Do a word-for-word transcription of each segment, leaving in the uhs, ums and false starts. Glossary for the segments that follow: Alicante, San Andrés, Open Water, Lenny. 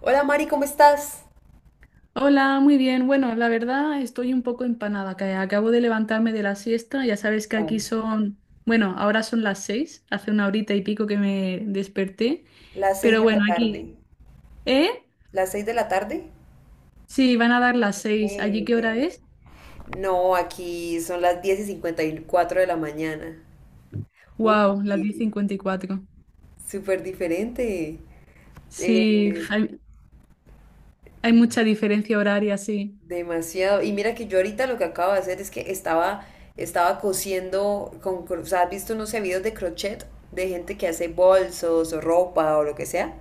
Hola Mari, ¿cómo estás? Hola, muy bien. Bueno, la verdad estoy un poco empanada, que acabo de levantarme de la siesta. Ya sabes que aquí Ay, son, bueno, ahora son las seis, hace una horita y pico que me desperté. las seis Pero de bueno, la aquí, tarde. ¿eh? ¿Las seis de la tarde? Sí, van a dar las Ok, seis. ¿Allí qué ok. hora es? No, aquí son las diez y cincuenta y cuatro de la mañana. Wow, Uy, las diez cincuenta y cuatro. súper diferente. Sí, Eh, hay, hay mucha diferencia horaria, sí. demasiado. Y mira que yo ahorita lo que acabo de hacer es que estaba, estaba cosiendo con, cro- o sea, ¿has visto unos videos de crochet de gente que hace bolsos o ropa o lo que sea?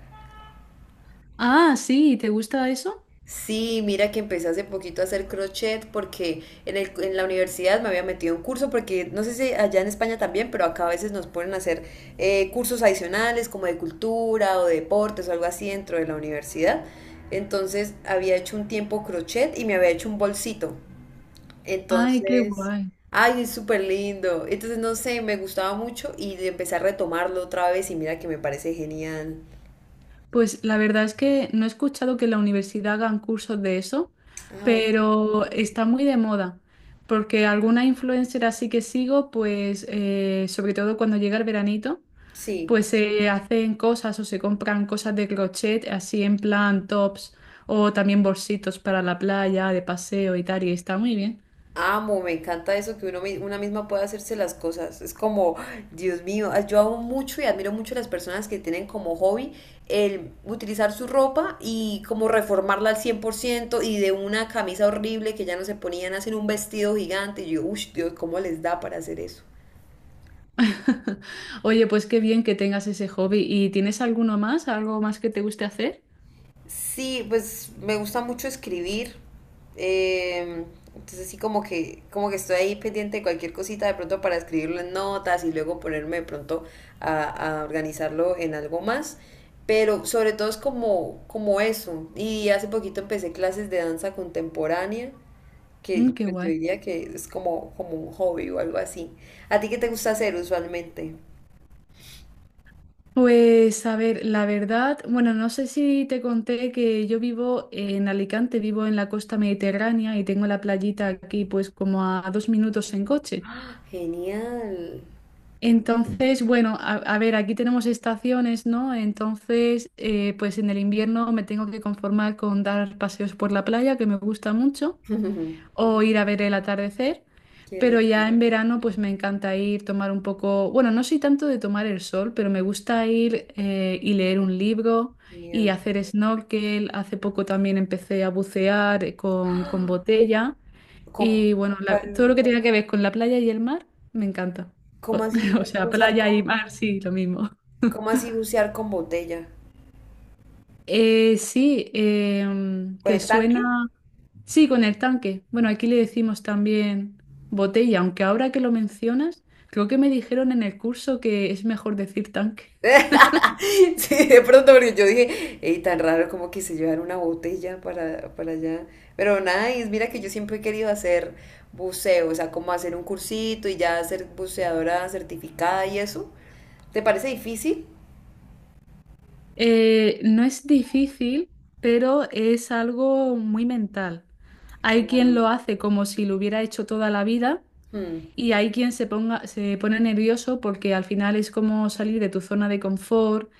Ah, sí, ¿te gusta eso? Sí, mira que empecé hace poquito a hacer crochet porque en el, en la universidad me había metido a un curso porque no sé si allá en España también, pero acá a veces nos ponen a hacer eh, cursos adicionales como de cultura o de deportes o algo así dentro de la universidad. Entonces había hecho un tiempo crochet y me había hecho un bolsito. Ay, qué Entonces, guay. ay, es súper lindo. Entonces, no sé, me gustaba mucho y empecé a retomarlo otra vez y mira que me parece genial. Pues la verdad es que no he escuchado que en la universidad hagan cursos de eso, Ah, ok. pero está muy de moda, porque alguna influencer así que sigo, pues eh, sobre todo cuando llega el veranito, Sí. pues se hacen cosas o se compran cosas de crochet, así en plan tops o también bolsitos para la playa, de paseo y tal, y está muy bien. Amo, me encanta eso, que uno, mi- una misma puede hacerse las cosas. Es como, Dios mío, ah, yo amo mucho y admiro mucho a las personas que tienen como hobby el utilizar su ropa y como reformarla al cien por ciento, y de una camisa horrible que ya no se ponían, hacen un vestido gigante. Y yo, uff, Dios, ¿cómo les da para hacer eso? Oye, pues qué bien que tengas ese hobby. ¿Y tienes alguno más, algo más que te guste hacer? Sí, pues me gusta mucho escribir. eh, entonces sí como que, como que estoy ahí pendiente de cualquier cosita de pronto para escribirlo en notas y luego ponerme de pronto a, a organizarlo en algo más. Pero sobre todo es como, como eso. Y hace poquito empecé clases de danza contemporánea, Mm, que qué pues, yo guay. diría que es como, como un hobby o algo así. ¿A ti qué te gusta hacer usualmente? Pues a ver, la verdad, bueno, no sé si te conté que yo vivo en Alicante, vivo en la costa mediterránea y tengo la playita aquí pues como a dos minutos en coche. ¡Ah, genial! Entonces, bueno, a, a ver, aquí tenemos estaciones, ¿no? Entonces, eh, pues en el invierno me tengo que conformar con dar paseos por la playa, que me gusta mucho o ir a ver el atardecer, Qué pero ya lindo, en verano pues me encanta ir, tomar un poco, bueno, no soy tanto de tomar el sol, pero me gusta ir eh, y leer un libro y genial. hacer snorkel. Hace poco también empecé a bucear eh, con, con botella ¿Cómo, y bueno, la- todo lo cuál- que tenga que ver con la playa y el mar me encanta. O, cómo o así sea, bucear playa y con, mar, sí, lo mismo. cómo así bucear con botella? Eh, sí, em, ¿Con ¿te el tanque? suena? Sí, con el tanque. Bueno, aquí le decimos también botella, aunque ahora que lo mencionas, creo que me dijeron en el curso que es mejor decir tanque. Sí, de pronto, porque yo dije, ey, tan raro como que se llevar una botella para, para allá. Pero nada, y mira que yo siempre he querido hacer buceo, o sea, como hacer un cursito y ya ser buceadora certificada y eso. ¿Te parece difícil? Eh, no es difícil, pero es algo muy mental. Hay quien Claro. lo hace como si lo hubiera hecho toda la vida Mm, y hay quien se ponga, se pone nervioso porque al final es como salir de tu zona de confort,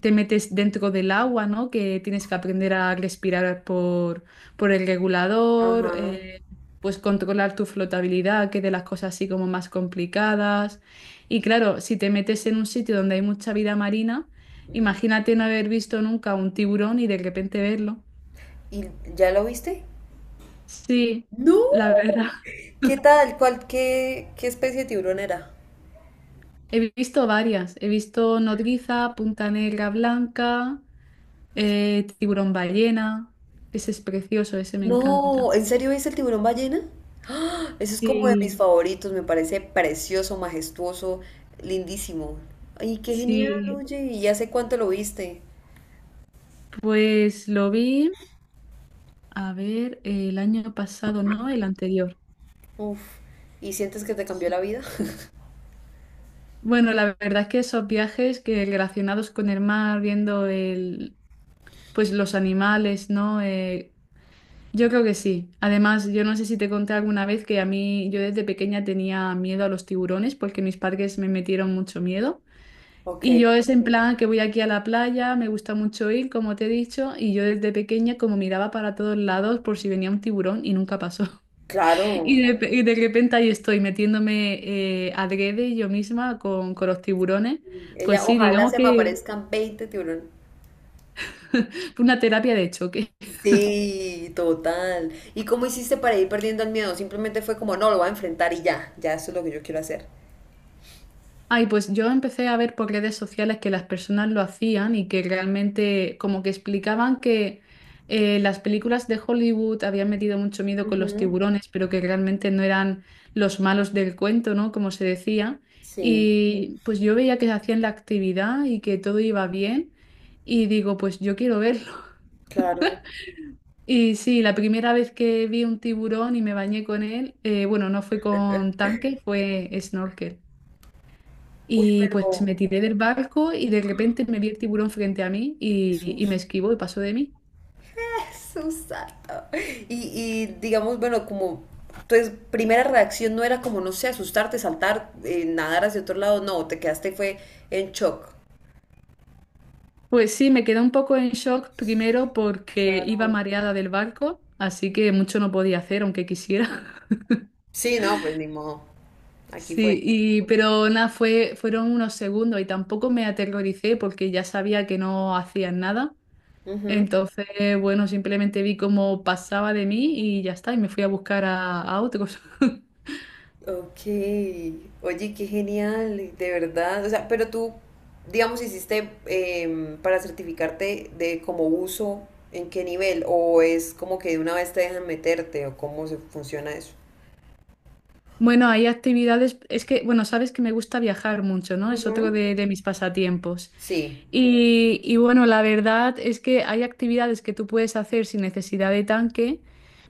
te metes dentro del agua, ¿no? Que tienes que aprender a respirar por, por el regulador, ajá. eh, pues controlar tu flotabilidad, que es de las cosas así como más complicadas. Y claro, si te metes en un sitio donde hay mucha vida marina, imagínate no haber visto nunca un tiburón y de repente verlo. ¿Y ya lo viste? Sí, No. la verdad. ¿Qué tal? ¿Cuál, qué, qué especie de tiburón era? He visto varias. He visto nodriza, punta negra blanca, eh, tiburón ballena. Ese es precioso, ese me encanta. No, ¿en serio ves el tiburón ballena? ¡Ah! Eso es como de mis Sí, favoritos, me parece precioso, majestuoso, lindísimo. Ay, qué genial, Sí, oye, ¿y hace cuánto lo viste? pues lo vi, a ver, el año pasado, ¿no? El anterior. Uf, ¿y sientes que te cambió la Sí. vida? Bueno, la verdad es que esos viajes que relacionados con el mar, viendo el, pues los animales, ¿no? Eh, yo creo que sí. Además, yo no sé si te conté alguna vez que a mí, yo desde pequeña tenía miedo a los tiburones porque mis padres me metieron mucho miedo. Ok, Y yo es en plan que voy aquí a la playa, me gusta mucho ir, como te he dicho, y yo desde pequeña como miraba para todos lados por si venía un tiburón y nunca pasó. Y claro. de, y de repente ahí estoy metiéndome eh, adrede yo misma con, con los tiburones. Pues Ella, sí, ojalá digamos se me que aparezcan veinte tiburones. fue una terapia de choque. Sí, total. ¿Y cómo hiciste para ir perdiendo el miedo? Simplemente fue como, no, lo voy a enfrentar y ya, ya eso es lo que yo quiero hacer. Ay, pues yo empecé a ver por redes sociales que las personas lo hacían y que realmente como que explicaban que eh, las películas de Hollywood habían metido mucho miedo con los Ujú, tiburones, pero que realmente no eran los malos del cuento, ¿no? Como se decía. sí, Y pues yo veía que hacían la actividad y que todo iba bien. Y digo, pues yo quiero verlo. claro. Y sí, la primera vez que vi un tiburón y me bañé con él, eh, bueno, no fue con tanque, fue snorkel. Uy, Y pues me pero tiré del barco y de repente me vi el tiburón frente a mí y, y me Jesús. esquivó y pasó de mí. Susato. Y, y digamos, bueno, como entonces, primera reacción no era como, no sé, asustarte, saltar, eh, nadar hacia otro lado, no, te quedaste fue en shock. Pues sí, me quedé un poco en shock primero porque iba Claro. mareada del barco, así que mucho no podía hacer aunque quisiera. Sí, no, pues ni modo. Aquí fue. Sí, y, pero nada, fue, fueron unos segundos y tampoco me aterroricé porque ya sabía que no hacían nada. Ujú. Entonces, bueno, simplemente vi cómo pasaba de mí y ya está, y me fui a buscar a, a otros. Ok, oye, qué genial, de verdad. O sea, pero tú, digamos, hiciste em, para certificarte de como uso, ¿en qué nivel? ¿O es como que de una vez te dejan meterte? ¿O cómo se funciona eso? Bueno, hay actividades, es que, bueno, sabes que me gusta viajar mucho, ¿no? Es otro Ujú. de, de mis pasatiempos. Sí. Y, y bueno, la verdad es que hay actividades que tú puedes hacer sin necesidad de tanque,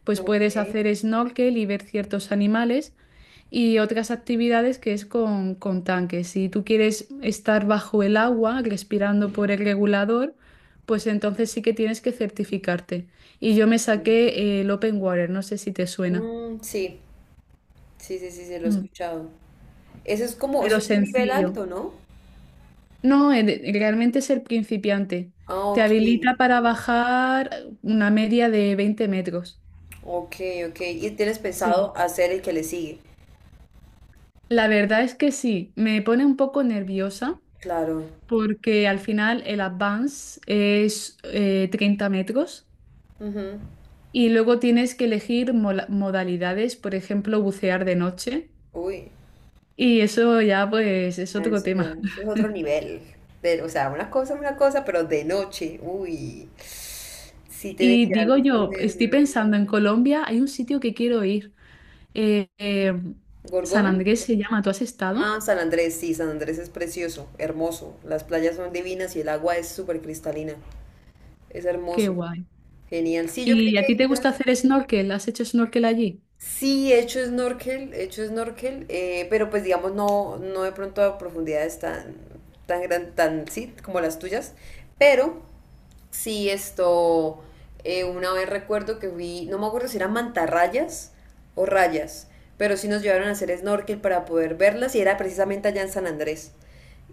pues puedes Ok. hacer snorkel y ver ciertos animales. Y otras actividades que es con, con tanques. Si tú quieres estar bajo el agua, respirando por el regulador, pues entonces sí que tienes que certificarte. Y yo me Bueno. saqué eh, el Open Water, no sé si te suena. Mm, sí, sí, sí, sí, se lo he Mm, escuchado. Eso es como, eso pero es un nivel sencillo. alto, ¿no? No, eh, realmente es el principiante. Ah, Te ok, habilita para bajar una media de veinte metros. ok, ok. Y tienes pensado Sí. hacer el que le sigue. La verdad es que sí, me pone un poco nerviosa Claro. porque al final el advance es eh, treinta metros Ujú. y luego tienes que elegir mola- modalidades, por ejemplo, bucear de noche Uy, y eso ya pues es ah, otro eso ya, tema. eso es otro nivel. Pero, o sea, una cosa es una cosa, pero de noche. Uy, sí tiene Y que dar digo muchos yo, estoy nervios. pensando en Colombia, hay un sitio que quiero ir, eh, eh, San ¿Gorgona? Andrés se llama, ¿tú has estado? Ah, San Andrés, sí, San Andrés es precioso, hermoso. Las playas son divinas y el agua es súper cristalina. Es Qué hermoso. guay. Genial. Sí, yo creo ¿Y a que ti te gusta quizás hacer snorkel? ¿Has hecho snorkel allí? sí he hecho snorkel, he hecho snorkel, eh, pero pues digamos no, no de pronto a profundidades tan, tan gran, tan sí, como las tuyas, pero sí, esto, eh, una vez recuerdo que fui, no me acuerdo si eran mantarrayas o rayas, pero sí nos llevaron a hacer snorkel para poder verlas y era precisamente allá en San Andrés.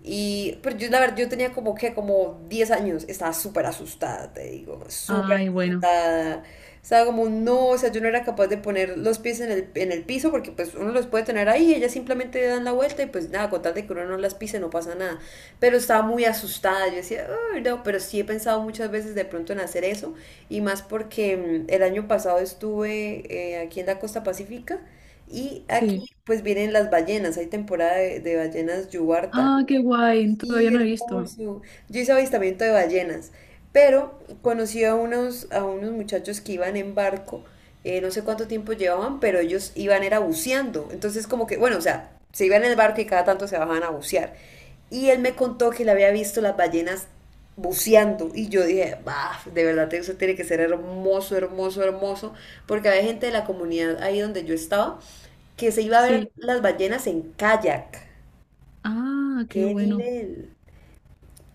Y, pero yo, la verdad, yo tenía como que, como diez años, estaba súper asustada, te digo, súper Ay, bueno, asustada. Estaba como, no, o sea, yo no era capaz de poner los pies en el, en el piso porque pues uno los puede tener ahí, ellas simplemente dan la vuelta y pues nada, con tal de que uno no las pise no pasa nada, pero estaba muy asustada. Yo decía, "Uy, no, pero sí he pensado muchas veces de pronto en hacer eso, y más porque mm, el año pasado estuve eh, aquí en la costa pacífica y aquí sí. pues vienen las ballenas, hay temporada de, de ballenas yubarta. Ah, qué guay, todavía Sí, no he visto. hermoso. Yo hice avistamiento de ballenas, pero conocí a unos, a unos muchachos que iban en barco, eh, no sé cuánto tiempo llevaban, pero ellos iban era buceando. Entonces como que, bueno, o sea, se iban en el barco y cada tanto se bajaban a bucear. Y él me contó que le había visto las ballenas buceando y yo dije, bah, de verdad eso tiene que ser hermoso, hermoso, hermoso, porque había gente de la comunidad ahí donde yo estaba que se iba a ver Sí. las ballenas en kayak. Ah, qué ¡Qué bueno. nivel!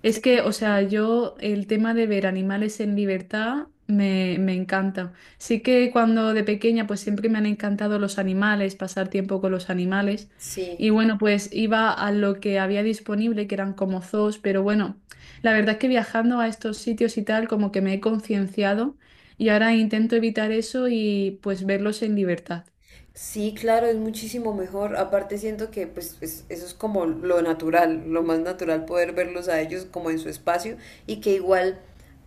Es que, o sea, yo el tema de ver animales en libertad me, me encanta. Sí que cuando de pequeña pues siempre me han encantado los animales, pasar tiempo con los animales. Sí. Y bueno, pues iba a lo que había disponible, que eran como zoos, pero bueno, la verdad es que viajando a estos sitios y tal, como que me he concienciado y ahora intento evitar eso y pues verlos en libertad. Sí, claro, es muchísimo mejor. Aparte siento que pues es- eso es como lo natural, lo más natural poder verlos a ellos como en su espacio y que igual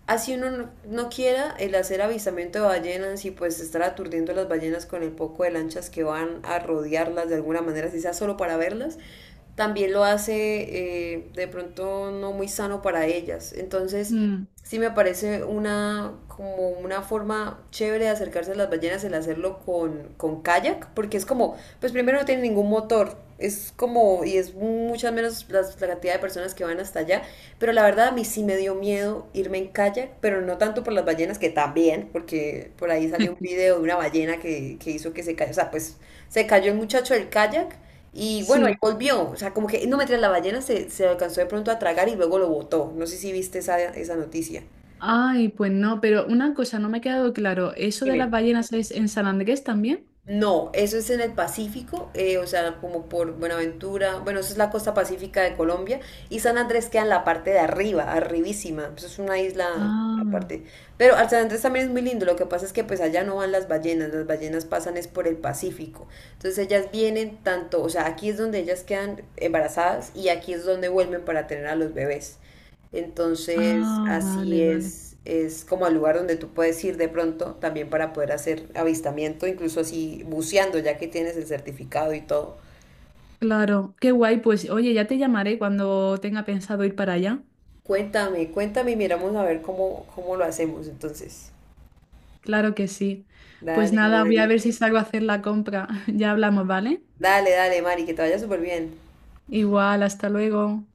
así uno no, no quiera el hacer avistamiento de ballenas y pues estar aturdiendo a las ballenas con el poco de lanchas que van a rodearlas de alguna manera, si sea solo para verlas, también lo hace eh, de pronto no muy sano para ellas. Entonces, Mm. sí me parece una, como una forma chévere de acercarse a las ballenas el hacerlo con, con kayak, porque es como, pues primero no tiene ningún motor, es como, y es muchas menos las- la, cantidad de personas que van hasta allá, pero la verdad a mí sí me dio miedo irme en kayak, pero no tanto por las ballenas, que también, porque por ahí salió un video de una ballena que, que hizo que se cayó, o sea, pues se cayó el muchacho del kayak y bueno, ahí Sí. volvió. O sea, como que no meter la ballena se, se alcanzó de pronto a tragar y luego lo botó. No sé si viste esa, esa noticia. Ay, pues no, pero una cosa no me ha quedado claro, ¿eso de las Dime. ballenas es en San Andrés también? No, eso es en el Pacífico, eh, o sea, como por Buenaventura. Bueno, eso es la costa pacífica de Colombia. Y San Andrés queda en la parte de arriba, arribísima. Eso es una isla Ah, aparte. Pero al San Andrés también es muy lindo. Lo que pasa es que pues allá no van las ballenas. Las ballenas pasan es por el Pacífico. Entonces ellas vienen tanto, o sea, aquí es donde ellas quedan embarazadas y aquí es donde vuelven para tener a los bebés. Entonces, ah, así vale, vale. es, es como al lugar donde tú puedes ir de pronto también para poder hacer avistamiento, incluso así buceando, ya que tienes el certificado y todo. Claro, qué guay. Pues oye, ya te llamaré cuando tenga pensado ir para allá. Cuéntame, cuéntame y miramos a ver cómo, cómo lo hacemos entonces. Claro que sí. Pues Dale, nada, voy a Mari. ver si salgo a hacer la compra. Ya hablamos, ¿vale? Dale, dale, Mari, que te vaya súper bien. Igual, hasta luego.